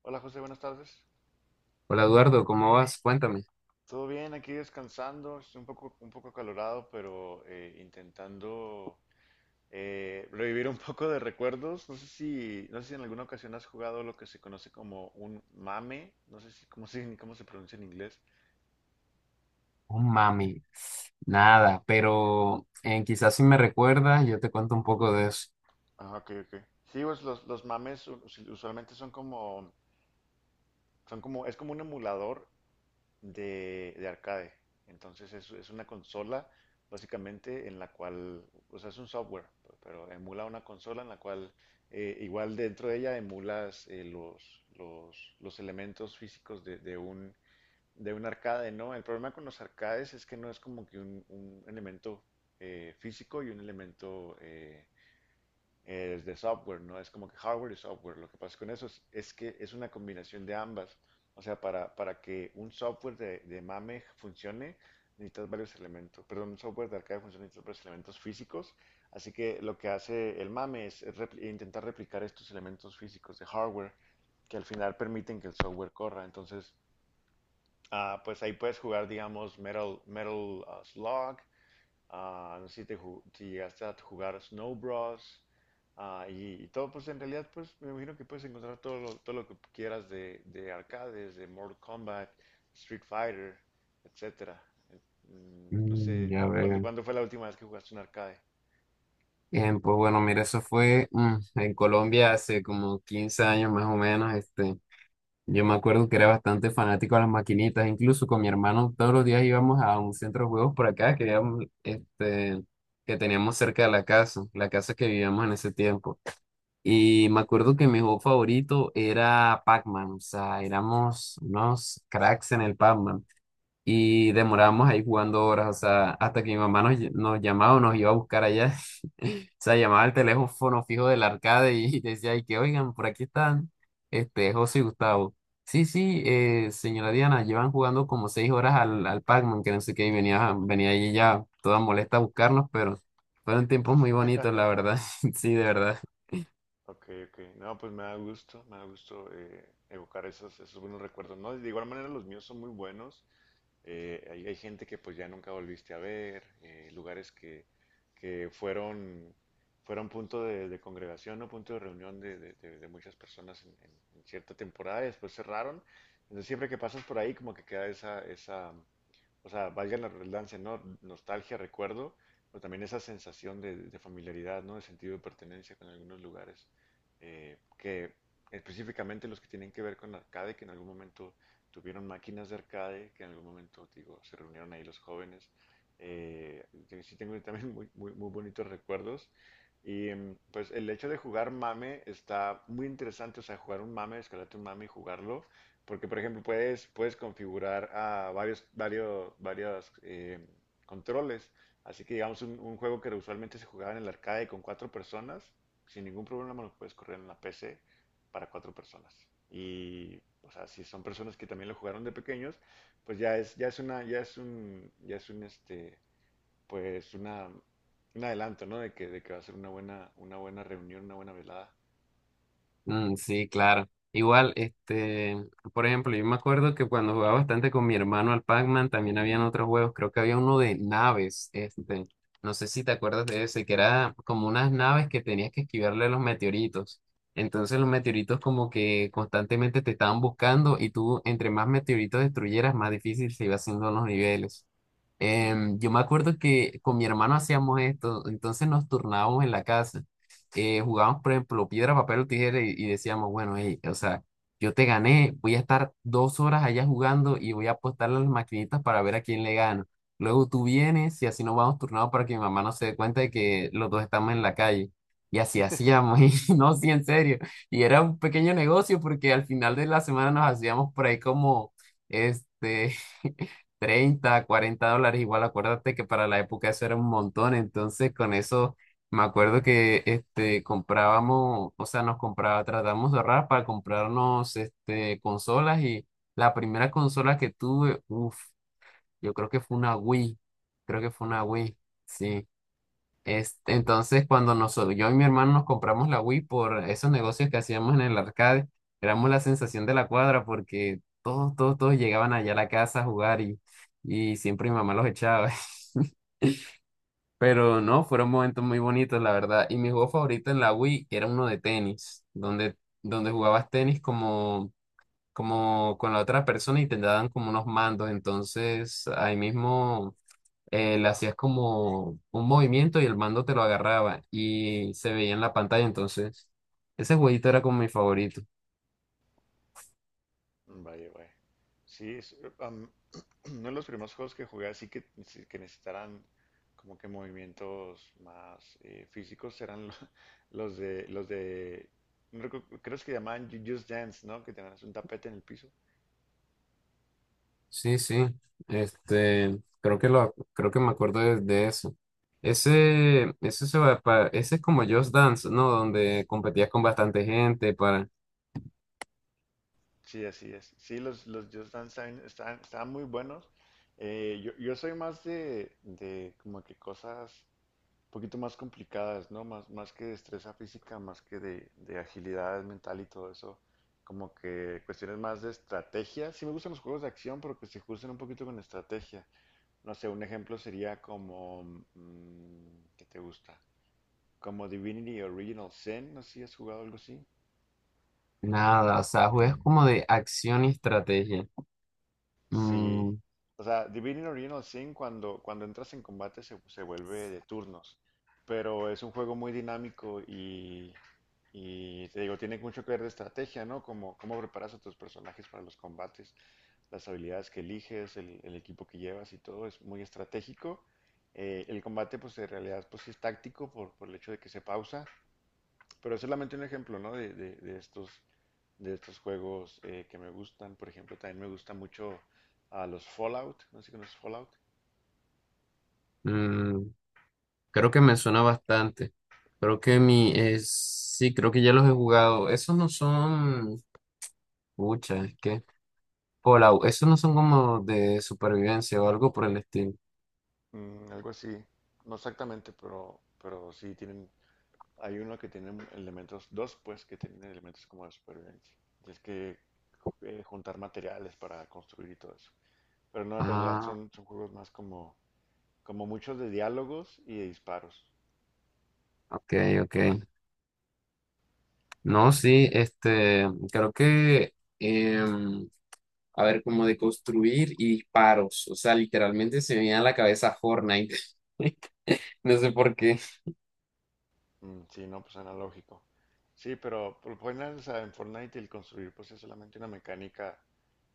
Hola José, buenas tardes. Hola Eduardo, ¿cómo vas? Cuéntame. Todo bien, aquí descansando, estoy un poco acalorado, pero intentando revivir un poco de recuerdos. No sé si en alguna ocasión has jugado lo que se conoce como un mame, no sé si cómo se, cómo se pronuncia en inglés. Oh, mami, nada, pero quizás si me recuerdas, yo te cuento un poco de eso. Ah, ok, ok. Sí, pues los mames usualmente son como, es como un emulador de arcade. Entonces es una consola básicamente en la cual, o sea, es un software, pero emula una consola en la cual igual dentro de ella emulas los elementos físicos de un arcade, ¿no? El problema con los arcades es que no es como que un elemento físico y un elemento es de software, no es como que hardware y software. Lo que pasa con eso es que es una combinación de ambas. O sea, para que un software de MAME funcione, necesitas varios elementos. Perdón, un software de arcade funcione, necesitas varios elementos físicos. Así que lo que hace el MAME es intentar replicar estos elementos físicos de hardware que al final permiten que el software corra. Entonces, ah, pues ahí puedes jugar, digamos, Metal, Metal Slug. Ah, no sé si, si llegaste a jugar Snow Bros. Ah, y todo, pues en realidad, pues me imagino que puedes encontrar todo lo que quieras de arcades, de Mortal Kombat, Street Fighter, etcétera. Eh, No Mm, sé, ya ¿ veo. cuándo fue la última vez que jugaste un arcade? Bien, pues bueno, mira, eso fue en Colombia hace como 15 años más o menos. Este, yo me acuerdo que era bastante fanático a las maquinitas, incluso con mi hermano todos los días íbamos a un centro de juegos por acá que, habíamos, este, que teníamos cerca de la casa que vivíamos en ese tiempo. Y me acuerdo que mi juego favorito era Pac-Man, o sea, éramos unos cracks en el Pac-Man y demorábamos ahí jugando horas, o sea, hasta que mi mamá nos, nos llamaba o nos iba a buscar allá, o sea, llamaba al teléfono fijo del arcade y decía, y que oigan, por aquí están, este, José y Gustavo. Sí, sí, señora Diana, llevan jugando como 6 horas al, al Pac-Man, que no sé qué, y venía, venía ahí ya toda molesta a buscarnos, pero fueron tiempos muy bonitos, la verdad. Sí, de verdad. Ok, ok. No, pues me da gusto evocar esos, esos buenos recuerdos, ¿no? De igual manera los míos son muy buenos. Hay, hay gente que pues ya nunca volviste a ver, lugares que fueron, fueron punto de congregación o punto de reunión de, de muchas personas en, en cierta temporada y después cerraron. Entonces siempre que pasas por ahí como que queda esa, esa, o sea, valga la redundancia, ¿no? Nostalgia, recuerdo, pero también esa sensación de familiaridad, ¿no? De sentido de pertenencia con algunos lugares, que específicamente los que tienen que ver con arcade, que en algún momento tuvieron máquinas de arcade, que en algún momento, digo, se reunieron ahí los jóvenes. Que sí tengo también muy, muy, muy bonitos recuerdos. Y pues el hecho de jugar mame está muy interesante, o sea, jugar un mame, descargarte un mame y jugarlo, porque, por ejemplo, puedes, puedes configurar a varios, varios controles. Así que, digamos, un juego que usualmente se jugaba en el arcade con cuatro personas, sin ningún problema lo puedes correr en la PC para cuatro personas. Y, o sea, si son personas que también lo jugaron de pequeños, pues ya es un, este, pues una, un adelanto, ¿no? De que va a ser una buena reunión, una buena velada. Mm, sí, claro. Igual, este, por ejemplo, yo me acuerdo que cuando jugaba bastante con mi hermano al Pac-Man, también habían otros juegos, creo que había uno de naves, este, no sé si te acuerdas de ese, que era como unas naves que tenías que esquivarle a los meteoritos. Entonces los meteoritos como que constantemente te estaban buscando y tú entre más meteoritos destruyeras, más difícil se iba haciendo los niveles. Mm. Em, yo me acuerdo que con mi hermano hacíamos esto, entonces nos turnábamos en la casa jugábamos, por ejemplo, piedra, papel o tijera y decíamos, bueno, hey, o sea, yo te gané, voy a estar 2 horas allá jugando y voy a apostarle a las maquinitas para ver a quién le gano. Luego tú vienes y así nos vamos turnados para que mi mamá no se dé cuenta de que los dos estamos en la calle. Y así hacíamos, y no, sí, en serio. Y era un pequeño negocio porque al final de la semana nos hacíamos por ahí como, este, $30, $40. Igual acuérdate que para la época eso era un montón, entonces con eso me acuerdo que este comprábamos, o sea, nos compraba, tratamos de ahorrar para comprarnos este consolas. Y la primera consola que tuve, uff, yo creo que fue una Wii, creo que fue una Wii, sí. Este, entonces, cuando nosotros, yo y mi hermano nos compramos la Wii por esos negocios que hacíamos en el arcade, éramos la sensación de la cuadra porque todos, todos, todos llegaban allá a la casa a jugar, y siempre mi mamá los echaba. Pero no, fueron momentos muy bonitos, la verdad. Y mi juego favorito en la Wii era uno de tenis, donde, donde jugabas tenis como, como con la otra persona y te daban como unos mandos. Entonces, ahí mismo le hacías como un movimiento y el mando te lo agarraba y se veía en la pantalla. Entonces, ese jueguito era como mi favorito. Vaya, vaya. Sí, uno de los primeros juegos que jugué así que, sí, que necesitaran como que movimientos más físicos eran los de, no recu- creo que se llamaban Just Dance, ¿no? Que tenías un tapete en el piso. Sí, sí. Este, creo que lo, creo que me acuerdo de eso. Ese ese es como Just Dance, ¿no? Donde competías con bastante gente para Sí, así es. Sí, los Just Dance están estaban muy buenos. Yo, yo soy más de como que cosas un poquito más complicadas, ¿no? Más, más que destreza física, más que de agilidad mental y todo eso. Como que cuestiones más de estrategia. Sí me gustan los juegos de acción, pero que se justen un poquito con estrategia. No sé, un ejemplo sería como... mm, ¿qué te gusta? Como Divinity Original Sin, no sé si has jugado algo así. nada. O sea, juegas como de acción y estrategia. Sí. Mm, O sea, Divinity Original Sin cuando, cuando entras en combate se, se vuelve de turnos, pero es un juego muy dinámico y te digo, tiene mucho que ver de estrategia, ¿no? Como cómo preparas a tus personajes para los combates, las habilidades que eliges, el equipo que llevas y todo es muy estratégico. El combate, pues en realidad, pues sí es táctico por el hecho de que se pausa, pero es solamente un ejemplo, ¿no? De, de estos juegos que me gustan. Por ejemplo, también me gusta mucho a los Fallout. No sé si conoces Fallout. mm, creo que me suena bastante. Creo que mi es sí, creo que ya los he jugado. Esos no son. Pucha, es que Fallout, esos no son como de supervivencia o algo por el estilo. Mm, algo así. No exactamente, pero sí tienen. Hay uno que tiene elementos, dos pues, que tienen elementos como de supervivencia. Tienes que juntar materiales para construir y todo eso. Pero no, en realidad Ah, son, son juegos más como, como muchos de diálogos y de disparos. ok, ok. No, sí, este, creo que, em, a ver, como de construir y disparos, o sea, literalmente se me viene a la cabeza Fortnite. No sé por qué. Mm, sí, no, pues analógico. Sí, pero ponen, o en Fortnite y el construir pues es solamente una mecánica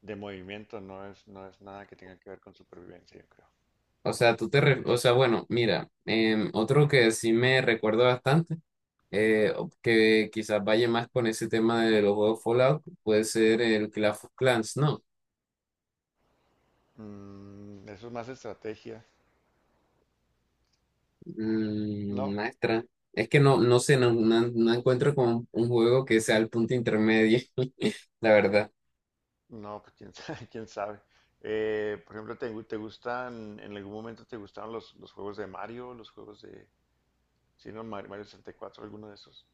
de movimiento, no es, no es nada que tenga que ver con supervivencia, yo creo. O sea, tú te, o sea, bueno, mira, em, otro que sí me recuerdo bastante, que quizás vaya más con ese tema de los juegos Fallout, puede ser el Clash of Clans, ¿no? Mm, eso es más estrategia. Mm, No, maestra, es que no, no sé, no, no encuentro como un juego que sea el punto intermedio, la verdad. no, pues quién sabe, quién sabe. Por ejemplo, ¿ te gustan, en algún momento te gustaron los juegos de Mario, los juegos de, si no, Mario 64, ¿alguno de esos?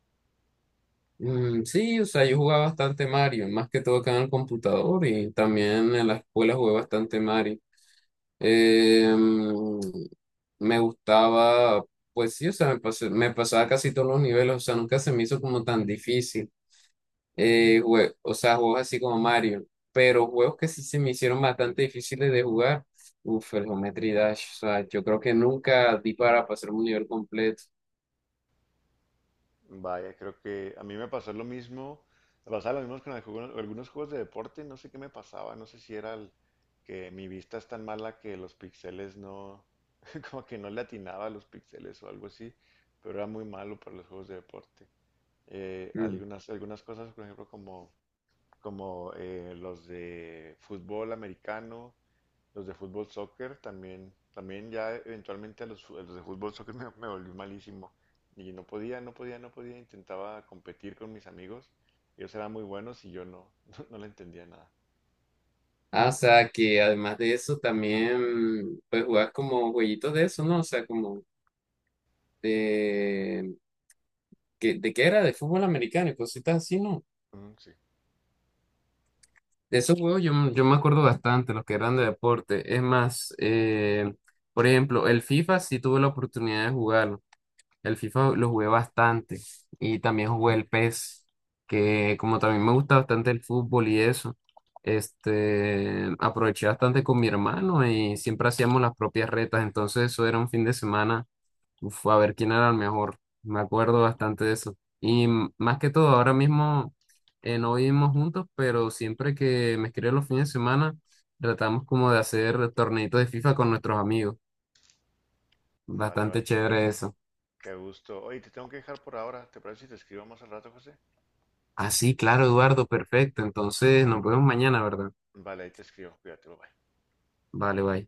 Mm, sí, o sea, yo jugaba bastante Mario, más que todo acá en el computador y también en la escuela jugué bastante Mario. Eh, mm, me gustaba, pues sí, o sea, me pasaba casi todos los niveles, o sea, nunca se me hizo como tan difícil. O sea, juegos así como Mario, pero juegos que sí se me hicieron bastante difíciles de jugar. Uf, el Geometry Dash, o sea, yo creo que nunca di para pasar un nivel completo. Vaya, creo que a mí me pasó lo mismo, me pasaba lo mismo con algunos, algunos juegos de deporte, no sé qué me pasaba, no sé si era que mi vista es tan mala que los píxeles no, como que no le atinaba a los píxeles o algo así, pero era muy malo para los juegos de deporte. Mm. Algunas, algunas cosas, por ejemplo, como, como los de fútbol americano, los de fútbol soccer también, también ya eventualmente a los, a los de fútbol soccer me volví malísimo. Y no podía, no podía, no podía. Intentaba competir con mis amigos. Ellos eran muy buenos y yo no, no, no le entendía nada. Ah, o sea, que además de eso también, pues jugabas como jueguitos de eso, ¿no? O sea, como de... ¿De qué era? De fútbol americano y cositas así, ¿no? Mm, sí. De esos juegos yo, yo me acuerdo bastante, los que eran de deporte. Es más, por ejemplo, el FIFA sí tuve la oportunidad de jugarlo. El FIFA lo jugué bastante y también jugué el PES, que como también me gusta bastante el fútbol y eso, este, aproveché bastante con mi hermano y siempre hacíamos las propias retas, entonces eso era un fin de semana, uf, a ver quién era el mejor, me acuerdo bastante de eso. Más que todo, ahora mismo no vivimos juntos, pero siempre que me escribe los fines de semana, tratamos como de hacer torneitos de FIFA con nuestros amigos, No, vale, bastante vale. chévere eso. Qué gusto. Oye, te tengo que dejar por ahora. ¿Te parece si te escribo más al rato, José? Ah, sí, claro, Eduardo, perfecto. Entonces, nos vemos mañana, ¿verdad? Vale, ahí te escribo. Cuídate, bye bye. Vale, bye.